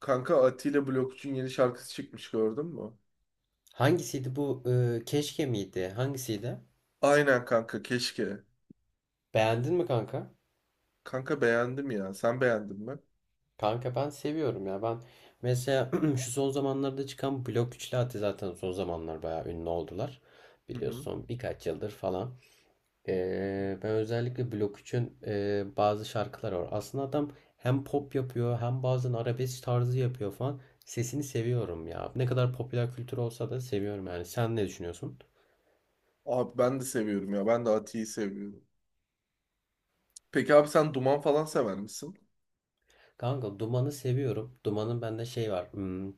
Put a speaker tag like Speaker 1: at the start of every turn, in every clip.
Speaker 1: Kanka Atilla Blokçu'nun yeni şarkısı çıkmış gördün mü?
Speaker 2: Hangisiydi bu? Keşke miydi? Hangisiydi?
Speaker 1: Aynen kanka keşke.
Speaker 2: Beğendin mi kanka?
Speaker 1: Kanka beğendim ya. Sen beğendin mi?
Speaker 2: Kanka ben seviyorum ya. Ben mesela şu son zamanlarda çıkan Blok Üçlü Ati zaten son zamanlar bayağı ünlü oldular.
Speaker 1: Hı hı.
Speaker 2: Biliyorsun birkaç yıldır falan. Ben özellikle Blok 3'ün bazı şarkıları var. Aslında adam hem pop yapıyor hem bazen arabesk tarzı yapıyor falan. Sesini seviyorum ya. Ne kadar popüler kültür olsa da seviyorum yani. Sen ne düşünüyorsun?
Speaker 1: Abi ben de seviyorum ya. Ben de Atilla'yı seviyorum. Peki abi sen Duman falan sever misin?
Speaker 2: Kanka Duman'ı seviyorum. Duman'ın bende şey var.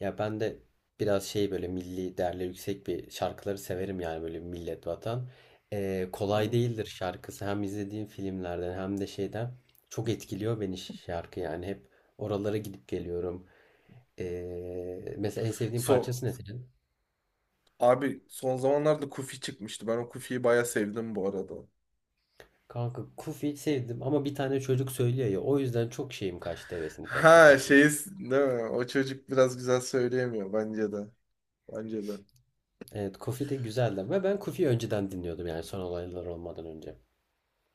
Speaker 2: Ya ben de biraz şey böyle milli değerleri yüksek bir şarkıları severim yani böyle millet vatan. Kolay
Speaker 1: Hı.
Speaker 2: değildir şarkısı. Hem izlediğim filmlerden hem de şeyden çok etkiliyor beni şarkı yani. Hep oralara gidip geliyorum. Mesela en sevdiğin
Speaker 1: So
Speaker 2: parçası ne senin?
Speaker 1: Abi son zamanlarda Kufi çıkmıştı. Ben o Kufi'yi bayağı sevdim bu arada.
Speaker 2: Kanka Kufi'yi sevdim ama bir tane çocuk söylüyor ya o yüzden çok şeyim kaçtı hevesim kaçtı
Speaker 1: Ha
Speaker 2: Kufi'ye.
Speaker 1: şeyi değil mi? O çocuk biraz güzel söyleyemiyor bence de. Bence de.
Speaker 2: Evet Kufi de güzeldi ve ben Kufi'yi önceden dinliyordum yani son olaylar olmadan önce.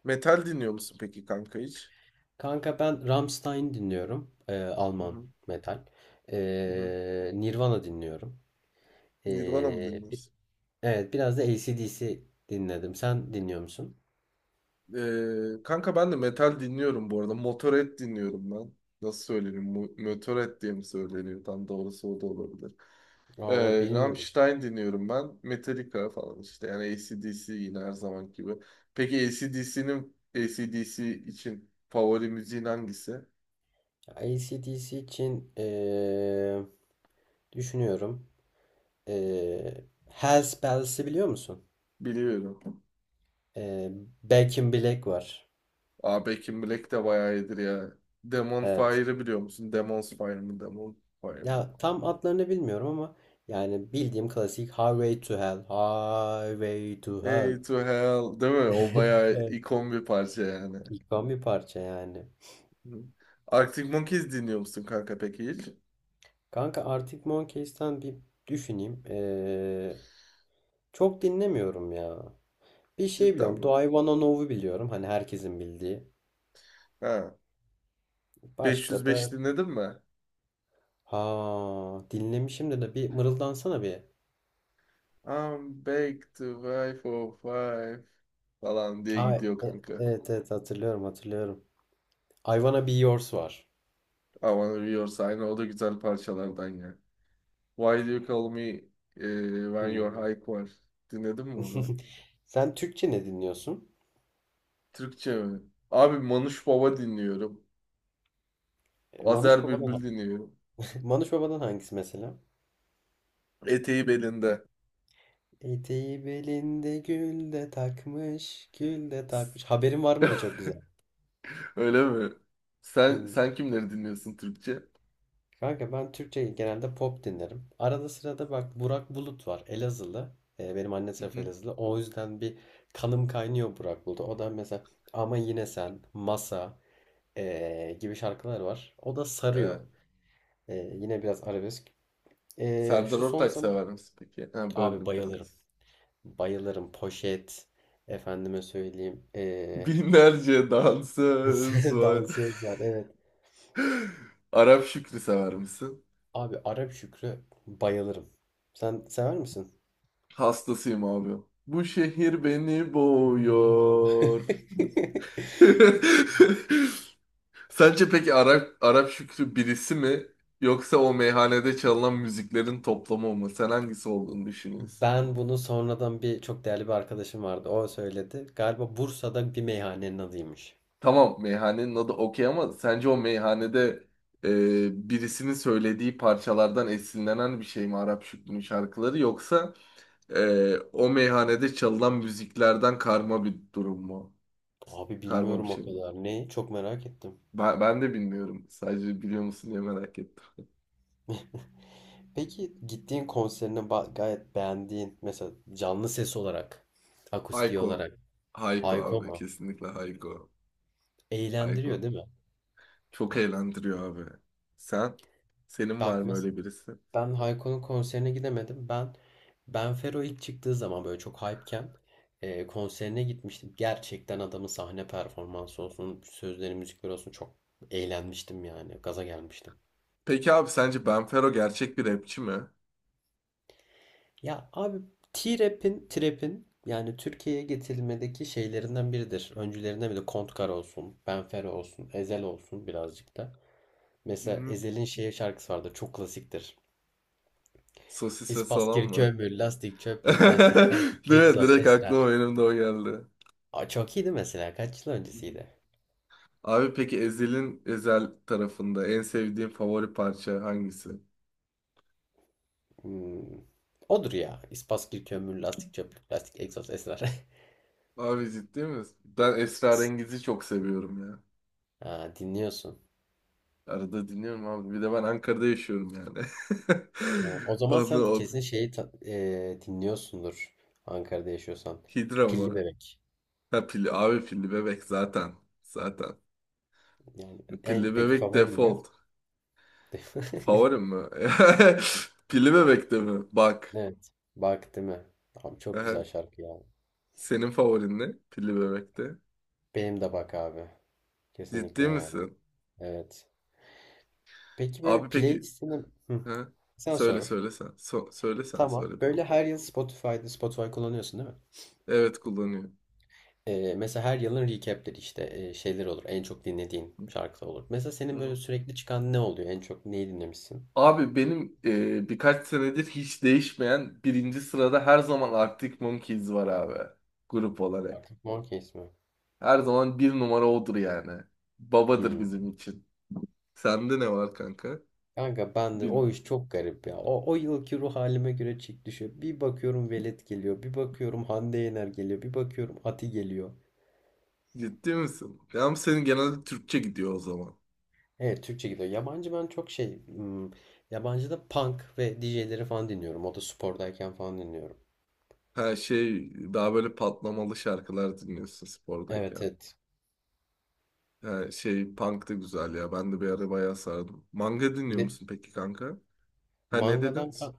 Speaker 1: Metal dinliyor musun peki kanka hiç?
Speaker 2: Kanka ben Rammstein dinliyorum.
Speaker 1: Hı
Speaker 2: Alman
Speaker 1: hı.
Speaker 2: metal.
Speaker 1: Hı hı.
Speaker 2: Nirvana dinliyorum.
Speaker 1: Nirvana mı
Speaker 2: Ee, bi-
Speaker 1: dinliyorsun?
Speaker 2: evet biraz da AC/DC dinledim. Sen dinliyor musun?
Speaker 1: Kanka ben de metal dinliyorum bu arada. Motorhead dinliyorum ben. Nasıl söyleniyor? Motorhead diye mi söyleniyor? Tam doğrusu o da olabilir.
Speaker 2: Aa, o bilmiyorum.
Speaker 1: Rammstein dinliyorum ben. Metallica falan işte. Yani AC/DC yine her zaman gibi. Peki AC/DC'nin AC/DC için favori müziğin hangisi?
Speaker 2: AC/DC için düşünüyorum. Hellspells'i biliyor musun?
Speaker 1: Biliyorum.
Speaker 2: Ee, Back in Black var.
Speaker 1: Aa, Back in Black de bayağı iyidir ya. Demon
Speaker 2: Evet.
Speaker 1: Fire'ı biliyor musun? Demon's Fire mı? Demon Fire mı?
Speaker 2: Ya tam adlarını bilmiyorum ama yani bildiğim klasik Highway to Hell. Highway to Hell.
Speaker 1: Hey to hell değil mi? O bayağı
Speaker 2: Evet.
Speaker 1: ikon bir parça yani.
Speaker 2: İkon bir parça yani.
Speaker 1: Hı. Arctic Monkeys dinliyor musun kanka peki hiç?
Speaker 2: Kanka Arctic Monkeys'ten bir düşüneyim. Çok dinlemiyorum ya. Bir şey
Speaker 1: Cidden
Speaker 2: biliyorum.
Speaker 1: mi?
Speaker 2: Do I Wanna Know'u biliyorum. Hani herkesin bildiği.
Speaker 1: Ha.
Speaker 2: Başka
Speaker 1: 505
Speaker 2: da
Speaker 1: dinledin mi?
Speaker 2: ha dinlemişim de bir mırıldansana bir.
Speaker 1: I'm back to five oh five falan diye
Speaker 2: Ha,
Speaker 1: gidiyor kanka.
Speaker 2: evet evet hatırlıyorum hatırlıyorum. I Wanna Be Yours var.
Speaker 1: I wanna be your sign. O da güzel parçalardan ya. Why do you call me when you're
Speaker 2: Hmm.
Speaker 1: high var. Dinledin mi onu?
Speaker 2: Sen Türkçe ne dinliyorsun?
Speaker 1: Türkçe mi? Abi Manuş Baba dinliyorum.
Speaker 2: E, Manuş
Speaker 1: Azer Bülbül
Speaker 2: Baba'dan
Speaker 1: dinliyorum.
Speaker 2: Manuş Baba'dan hangisi mesela?
Speaker 1: Eteği belinde.
Speaker 2: Eteği belinde gül de takmış, gül de takmış. Haberin var mı da çok güzel.
Speaker 1: Öyle mi? Sen
Speaker 2: Hmm.
Speaker 1: sen kimleri dinliyorsun Türkçe?
Speaker 2: Kanka ben Türkçe genelde pop dinlerim. Arada sırada bak Burak Bulut var. Elazığlı. Benim anne
Speaker 1: Hı
Speaker 2: tarafı
Speaker 1: hı.
Speaker 2: Elazığlı. O yüzden bir kanım kaynıyor Burak Bulut'a. O da mesela Ama Yine Sen, Masa gibi şarkılar var. O da
Speaker 1: He.
Speaker 2: sarıyor. Yine biraz arabesk.
Speaker 1: Serdar
Speaker 2: Şu son
Speaker 1: Ortaç
Speaker 2: zaman...
Speaker 1: sever misin peki? Ha,
Speaker 2: Abi
Speaker 1: böldüm
Speaker 2: bayılırım.
Speaker 1: kankası.
Speaker 2: Bayılırım. Poşet. Efendime söyleyeyim.
Speaker 1: Binlerce dansöz var.
Speaker 2: Dansöz var. Evet.
Speaker 1: Arap Şükrü sever misin?
Speaker 2: Abi Arap Şükrü bayılırım. Sen sever misin?
Speaker 1: Hastasıyım abi. Bu şehir beni boğuyor. Sence peki Arap Şükrü birisi mi yoksa o meyhanede çalınan müziklerin toplamı mı? Sen hangisi olduğunu düşünüyorsun?
Speaker 2: Ben bunu sonradan bir çok değerli bir arkadaşım vardı. O söyledi. Galiba Bursa'da bir meyhanenin adıymış.
Speaker 1: Tamam meyhanenin adı okey ama sence o meyhanede birisinin söylediği parçalardan esinlenen bir şey mi Arap Şükrü'nün şarkıları yoksa o meyhanede çalınan müziklerden karma bir durum mu?
Speaker 2: Abi
Speaker 1: Karma bir
Speaker 2: bilmiyorum o
Speaker 1: şey mi?
Speaker 2: kadar. Ne? Çok merak ettim.
Speaker 1: Ben de bilmiyorum. Sadece biliyor musun diye merak ettim.
Speaker 2: Peki gittiğin konserini gayet beğendiğin mesela canlı ses olarak, akustiği
Speaker 1: Hayko.
Speaker 2: olarak
Speaker 1: Hayko
Speaker 2: Hayko
Speaker 1: abi
Speaker 2: mu?
Speaker 1: kesinlikle Hayko.
Speaker 2: Eğlendiriyor
Speaker 1: Hayko.
Speaker 2: değil mi?
Speaker 1: Çok eğlendiriyor abi. Sen? Senin var
Speaker 2: Bak
Speaker 1: mı
Speaker 2: mes-
Speaker 1: öyle birisi?
Speaker 2: Ben Hayko'nun konserine gidemedim. Ben Benfero ilk çıktığı zaman böyle çok hype'ken konserine gitmiştim. Gerçekten adamın sahne performansı olsun, sözleri, müzikleri olsun çok eğlenmiştim yani. Gaza gelmiştim.
Speaker 1: Peki abi sence Benfero gerçek bir rapçi mi? Hı
Speaker 2: Ya abi Trap'in yani Türkiye'ye getirilmedeki şeylerinden biridir. Öncülerinden biri Kontkar olsun, Benfero olsun, Ezel olsun birazcık da. Mesela
Speaker 1: hı.
Speaker 2: Ezel'in şeye şarkısı vardır, çok klasiktir.
Speaker 1: Sosis ve
Speaker 2: İspas,
Speaker 1: salam mı?
Speaker 2: kirkömür, lastik, çöplük, lastik, lastik,
Speaker 1: Direkt,
Speaker 2: egzoz,
Speaker 1: direkt aklıma
Speaker 2: ester.
Speaker 1: benim de o geldi.
Speaker 2: Aa, çok iyiydi mesela. Kaç yıl öncesiydi?
Speaker 1: Abi peki Ezel tarafında en sevdiğin favori parça hangisi?
Speaker 2: Hmm. Odur ya. İspaskil, kömür, lastik, çöplük, plastik, egzoz, esrar.
Speaker 1: Abi ciddi misin? Ben Esrarengiz'i çok seviyorum ya.
Speaker 2: Ha, dinliyorsun.
Speaker 1: Arada dinliyorum abi. Bir de ben Ankara'da yaşıyorum yani.
Speaker 2: Ha, o zaman
Speaker 1: Onu,
Speaker 2: sen
Speaker 1: onu.
Speaker 2: kesin dinliyorsundur Ankara'da yaşıyorsan.
Speaker 1: Hidra
Speaker 2: Pilli
Speaker 1: mı?
Speaker 2: Bebek.
Speaker 1: Ha, pilli. Abi pilli bebek zaten. Zaten.
Speaker 2: Yani en
Speaker 1: Pilli
Speaker 2: peki
Speaker 1: bebek
Speaker 2: favorin ne?
Speaker 1: default. Favorim mi? Pilli bebek de mi? Bak.
Speaker 2: Evet. Bak değil mi? Abi çok güzel şarkı ya.
Speaker 1: Senin favorin ne? Pilli Bebek'te.
Speaker 2: Benim de bak abi. Kesinlikle
Speaker 1: Ciddi
Speaker 2: yani.
Speaker 1: misin?
Speaker 2: Evet. Peki böyle
Speaker 1: Abi peki...
Speaker 2: playlistini... Hı.
Speaker 1: Ha?
Speaker 2: Sen
Speaker 1: Söyle
Speaker 2: sor.
Speaker 1: söyle sen. Söyle sen
Speaker 2: Tamam.
Speaker 1: söyle
Speaker 2: Böyle
Speaker 1: bana.
Speaker 2: her yıl Spotify kullanıyorsun değil mi?
Speaker 1: Evet kullanıyor.
Speaker 2: Mesela her yılın recap'leri işte şeyler olur. En çok dinlediğin
Speaker 1: Hı
Speaker 2: şarkılar olur. Mesela senin böyle
Speaker 1: hı.
Speaker 2: sürekli çıkan ne oluyor? En çok neyi dinlemişsin?
Speaker 1: Abi benim birkaç senedir hiç değişmeyen birinci sırada her zaman Arctic Monkeys var abi. Grup olarak.
Speaker 2: Artık Monkeys mi?
Speaker 1: Her zaman bir numara odur yani. Babadır
Speaker 2: Hmm.
Speaker 1: bizim için. Sende ne var kanka?
Speaker 2: Kanka ben de o
Speaker 1: Bilmiyorum.
Speaker 2: iş çok garip ya. O yılki ruh halime göre çık düşüyor. Bir bakıyorum Velet geliyor. Bir bakıyorum Hande Yener geliyor. Bir bakıyorum Ati geliyor.
Speaker 1: Ciddi misin? Yani senin genelde Türkçe gidiyor o zaman.
Speaker 2: Evet Türkçe gidiyor. Yabancı ben çok şey... Yabancı da punk ve DJ'leri falan dinliyorum. O da spordayken falan dinliyorum.
Speaker 1: Ha şey, daha böyle patlamalı şarkılar dinliyorsun
Speaker 2: Evet
Speaker 1: spordayken.
Speaker 2: evet.
Speaker 1: Ha şey, punk da güzel ya. Ben de bir ara bayağı sardım. Manga dinliyor
Speaker 2: Ne,
Speaker 1: musun peki kanka? Ha, ne dedin?
Speaker 2: Mangadan kan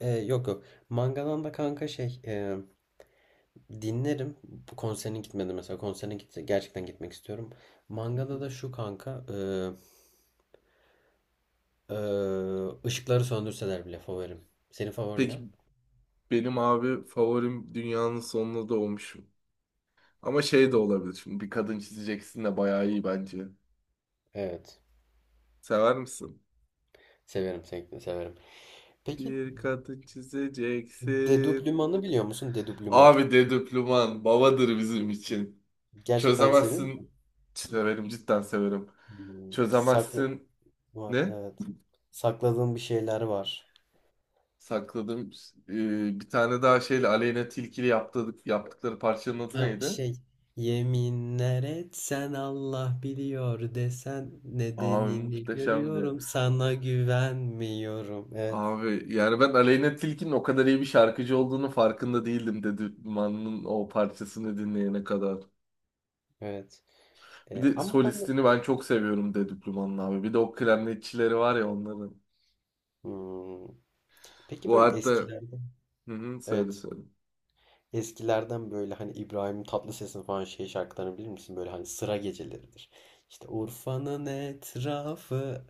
Speaker 2: e, yok yok. Mangadan da kanka dinlerim. Bu konserine gitmedi mesela. Konserine gitti. Gerçekten gitmek istiyorum.
Speaker 1: Hı
Speaker 2: Mangada
Speaker 1: hı.
Speaker 2: da şu kanka e, e, ışıkları söndürseler bile favorim. Senin favorin ne?
Speaker 1: Peki benim abi favorim Dünyanın Sonuna Doğmuşum. Ama şey de olabilir, şimdi bir kadın çizeceksin de bayağı iyi bence.
Speaker 2: Evet.
Speaker 1: Sever misin?
Speaker 2: Severim sevgilim severim. Peki
Speaker 1: Bir kadın çizeceksin.
Speaker 2: Dedublüman'ı biliyor musun? Dedublüman.
Speaker 1: Abi Dedüplüman babadır bizim için.
Speaker 2: Gerçekten seviyor
Speaker 1: Çözemezsin.
Speaker 2: musun?
Speaker 1: Severim, cidden severim.
Speaker 2: Hmm, Sakla
Speaker 1: Çözemezsin.
Speaker 2: var
Speaker 1: Ne?
Speaker 2: evet. Sakladığın bir şeyler var.
Speaker 1: Sakladım. Bir tane daha şeyle Aleyna Tilki'yle yaptıkları parçanın adı
Speaker 2: Ha
Speaker 1: neydi?
Speaker 2: şey yeminler etsen Allah biliyor desen
Speaker 1: Abi
Speaker 2: nedenini
Speaker 1: muhteşemdi ya.
Speaker 2: görüyorum sana güvenmiyorum. Evet
Speaker 1: Abi yani ben Aleyna Tilki'nin o kadar iyi bir şarkıcı olduğunu farkında değildim Dedüplüman'ın o parçasını dinleyene kadar.
Speaker 2: evet
Speaker 1: Bir
Speaker 2: Ee,
Speaker 1: de
Speaker 2: ama ben bö-
Speaker 1: solistini ben çok seviyorum Dedüplüman'ın abi. Bir de o klarnetçileri var ya onların.
Speaker 2: Hmm. Peki
Speaker 1: Bu
Speaker 2: böyle
Speaker 1: hatta
Speaker 2: eskilerden
Speaker 1: hı hı, söyle
Speaker 2: evet
Speaker 1: söyle.
Speaker 2: eskilerden böyle hani İbrahim Tatlıses'in falan şey şarkılarını bilir misin? Böyle hani sıra geceleridir. İşte Urfa'nın etrafı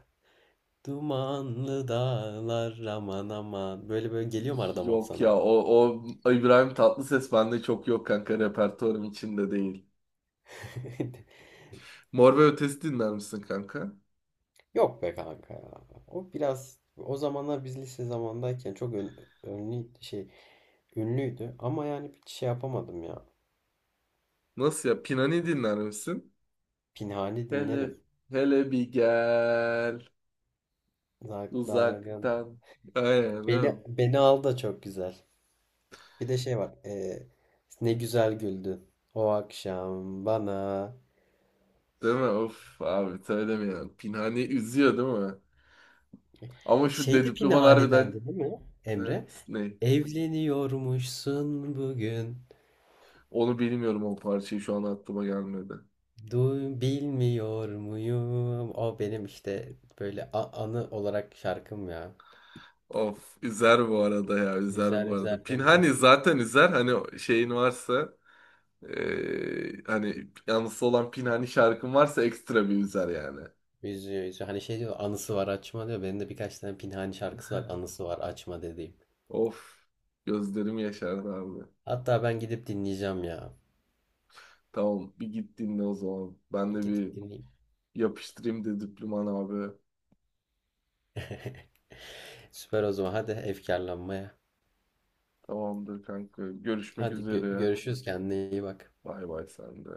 Speaker 2: dumanlı dağlar aman aman böyle böyle geliyor mu arada mod
Speaker 1: Yok ya,
Speaker 2: sana?
Speaker 1: o İbrahim Tatlıses bende çok yok kanka, repertuarım içinde değil. Mor ve Ötesi dinler misin kanka?
Speaker 2: Yok be kanka ya. O biraz o zamanlar biz lise zamandayken çok önlü şey ünlüydü ama yani bir şey yapamadım ya.
Speaker 1: Nasıl ya? Pinani dinler misin?
Speaker 2: Pinhani
Speaker 1: Hele,
Speaker 2: dinlerim.
Speaker 1: hele bir gel
Speaker 2: Zak Daryan.
Speaker 1: uzaktan. Aynen değil
Speaker 2: Beni
Speaker 1: mi?
Speaker 2: beni al da çok güzel. Bir de şey var. Ne güzel güldün o akşam bana.
Speaker 1: Değil mi? Of abi, söylemiyorum. Pinhani üzüyor değil mi? Ama şu
Speaker 2: Şey de
Speaker 1: Dedüplüman harbiden...
Speaker 2: Pinhani'dendi değil mi
Speaker 1: Ha,
Speaker 2: Emre?
Speaker 1: ne?
Speaker 2: Evleniyormuşsun bugün.
Speaker 1: Onu bilmiyorum, o parçayı şu an aklıma gelmedi.
Speaker 2: Duy, bilmiyor muyum? O benim işte böyle anı olarak şarkım ya.
Speaker 1: Of, üzer bu arada ya, üzer
Speaker 2: Üzer
Speaker 1: bu arada.
Speaker 2: üzer beni de.
Speaker 1: Pinhani zaten üzer, hani o şeyin varsa, hani yalnız olan Pinhani şarkın varsa ekstra bir üzer yani.
Speaker 2: Üzüyor üzüyor. Hani şey diyor anısı var açma diyor. Benim de birkaç tane Pinhani şarkısı var anısı var açma dediğim.
Speaker 1: Of, gözlerim yaşardı abi.
Speaker 2: Hatta ben gidip dinleyeceğim ya.
Speaker 1: Tamam, bir git dinle o zaman. Ben
Speaker 2: Bir
Speaker 1: de
Speaker 2: gidip
Speaker 1: bir
Speaker 2: dinleyeyim.
Speaker 1: yapıştırayım de, diploman abi.
Speaker 2: Süper o zaman hadi efkarlanmaya.
Speaker 1: Tamamdır kanka. Görüşmek
Speaker 2: Hadi
Speaker 1: üzere.
Speaker 2: görüşürüz kendine iyi bak.
Speaker 1: Bay bay, sen de.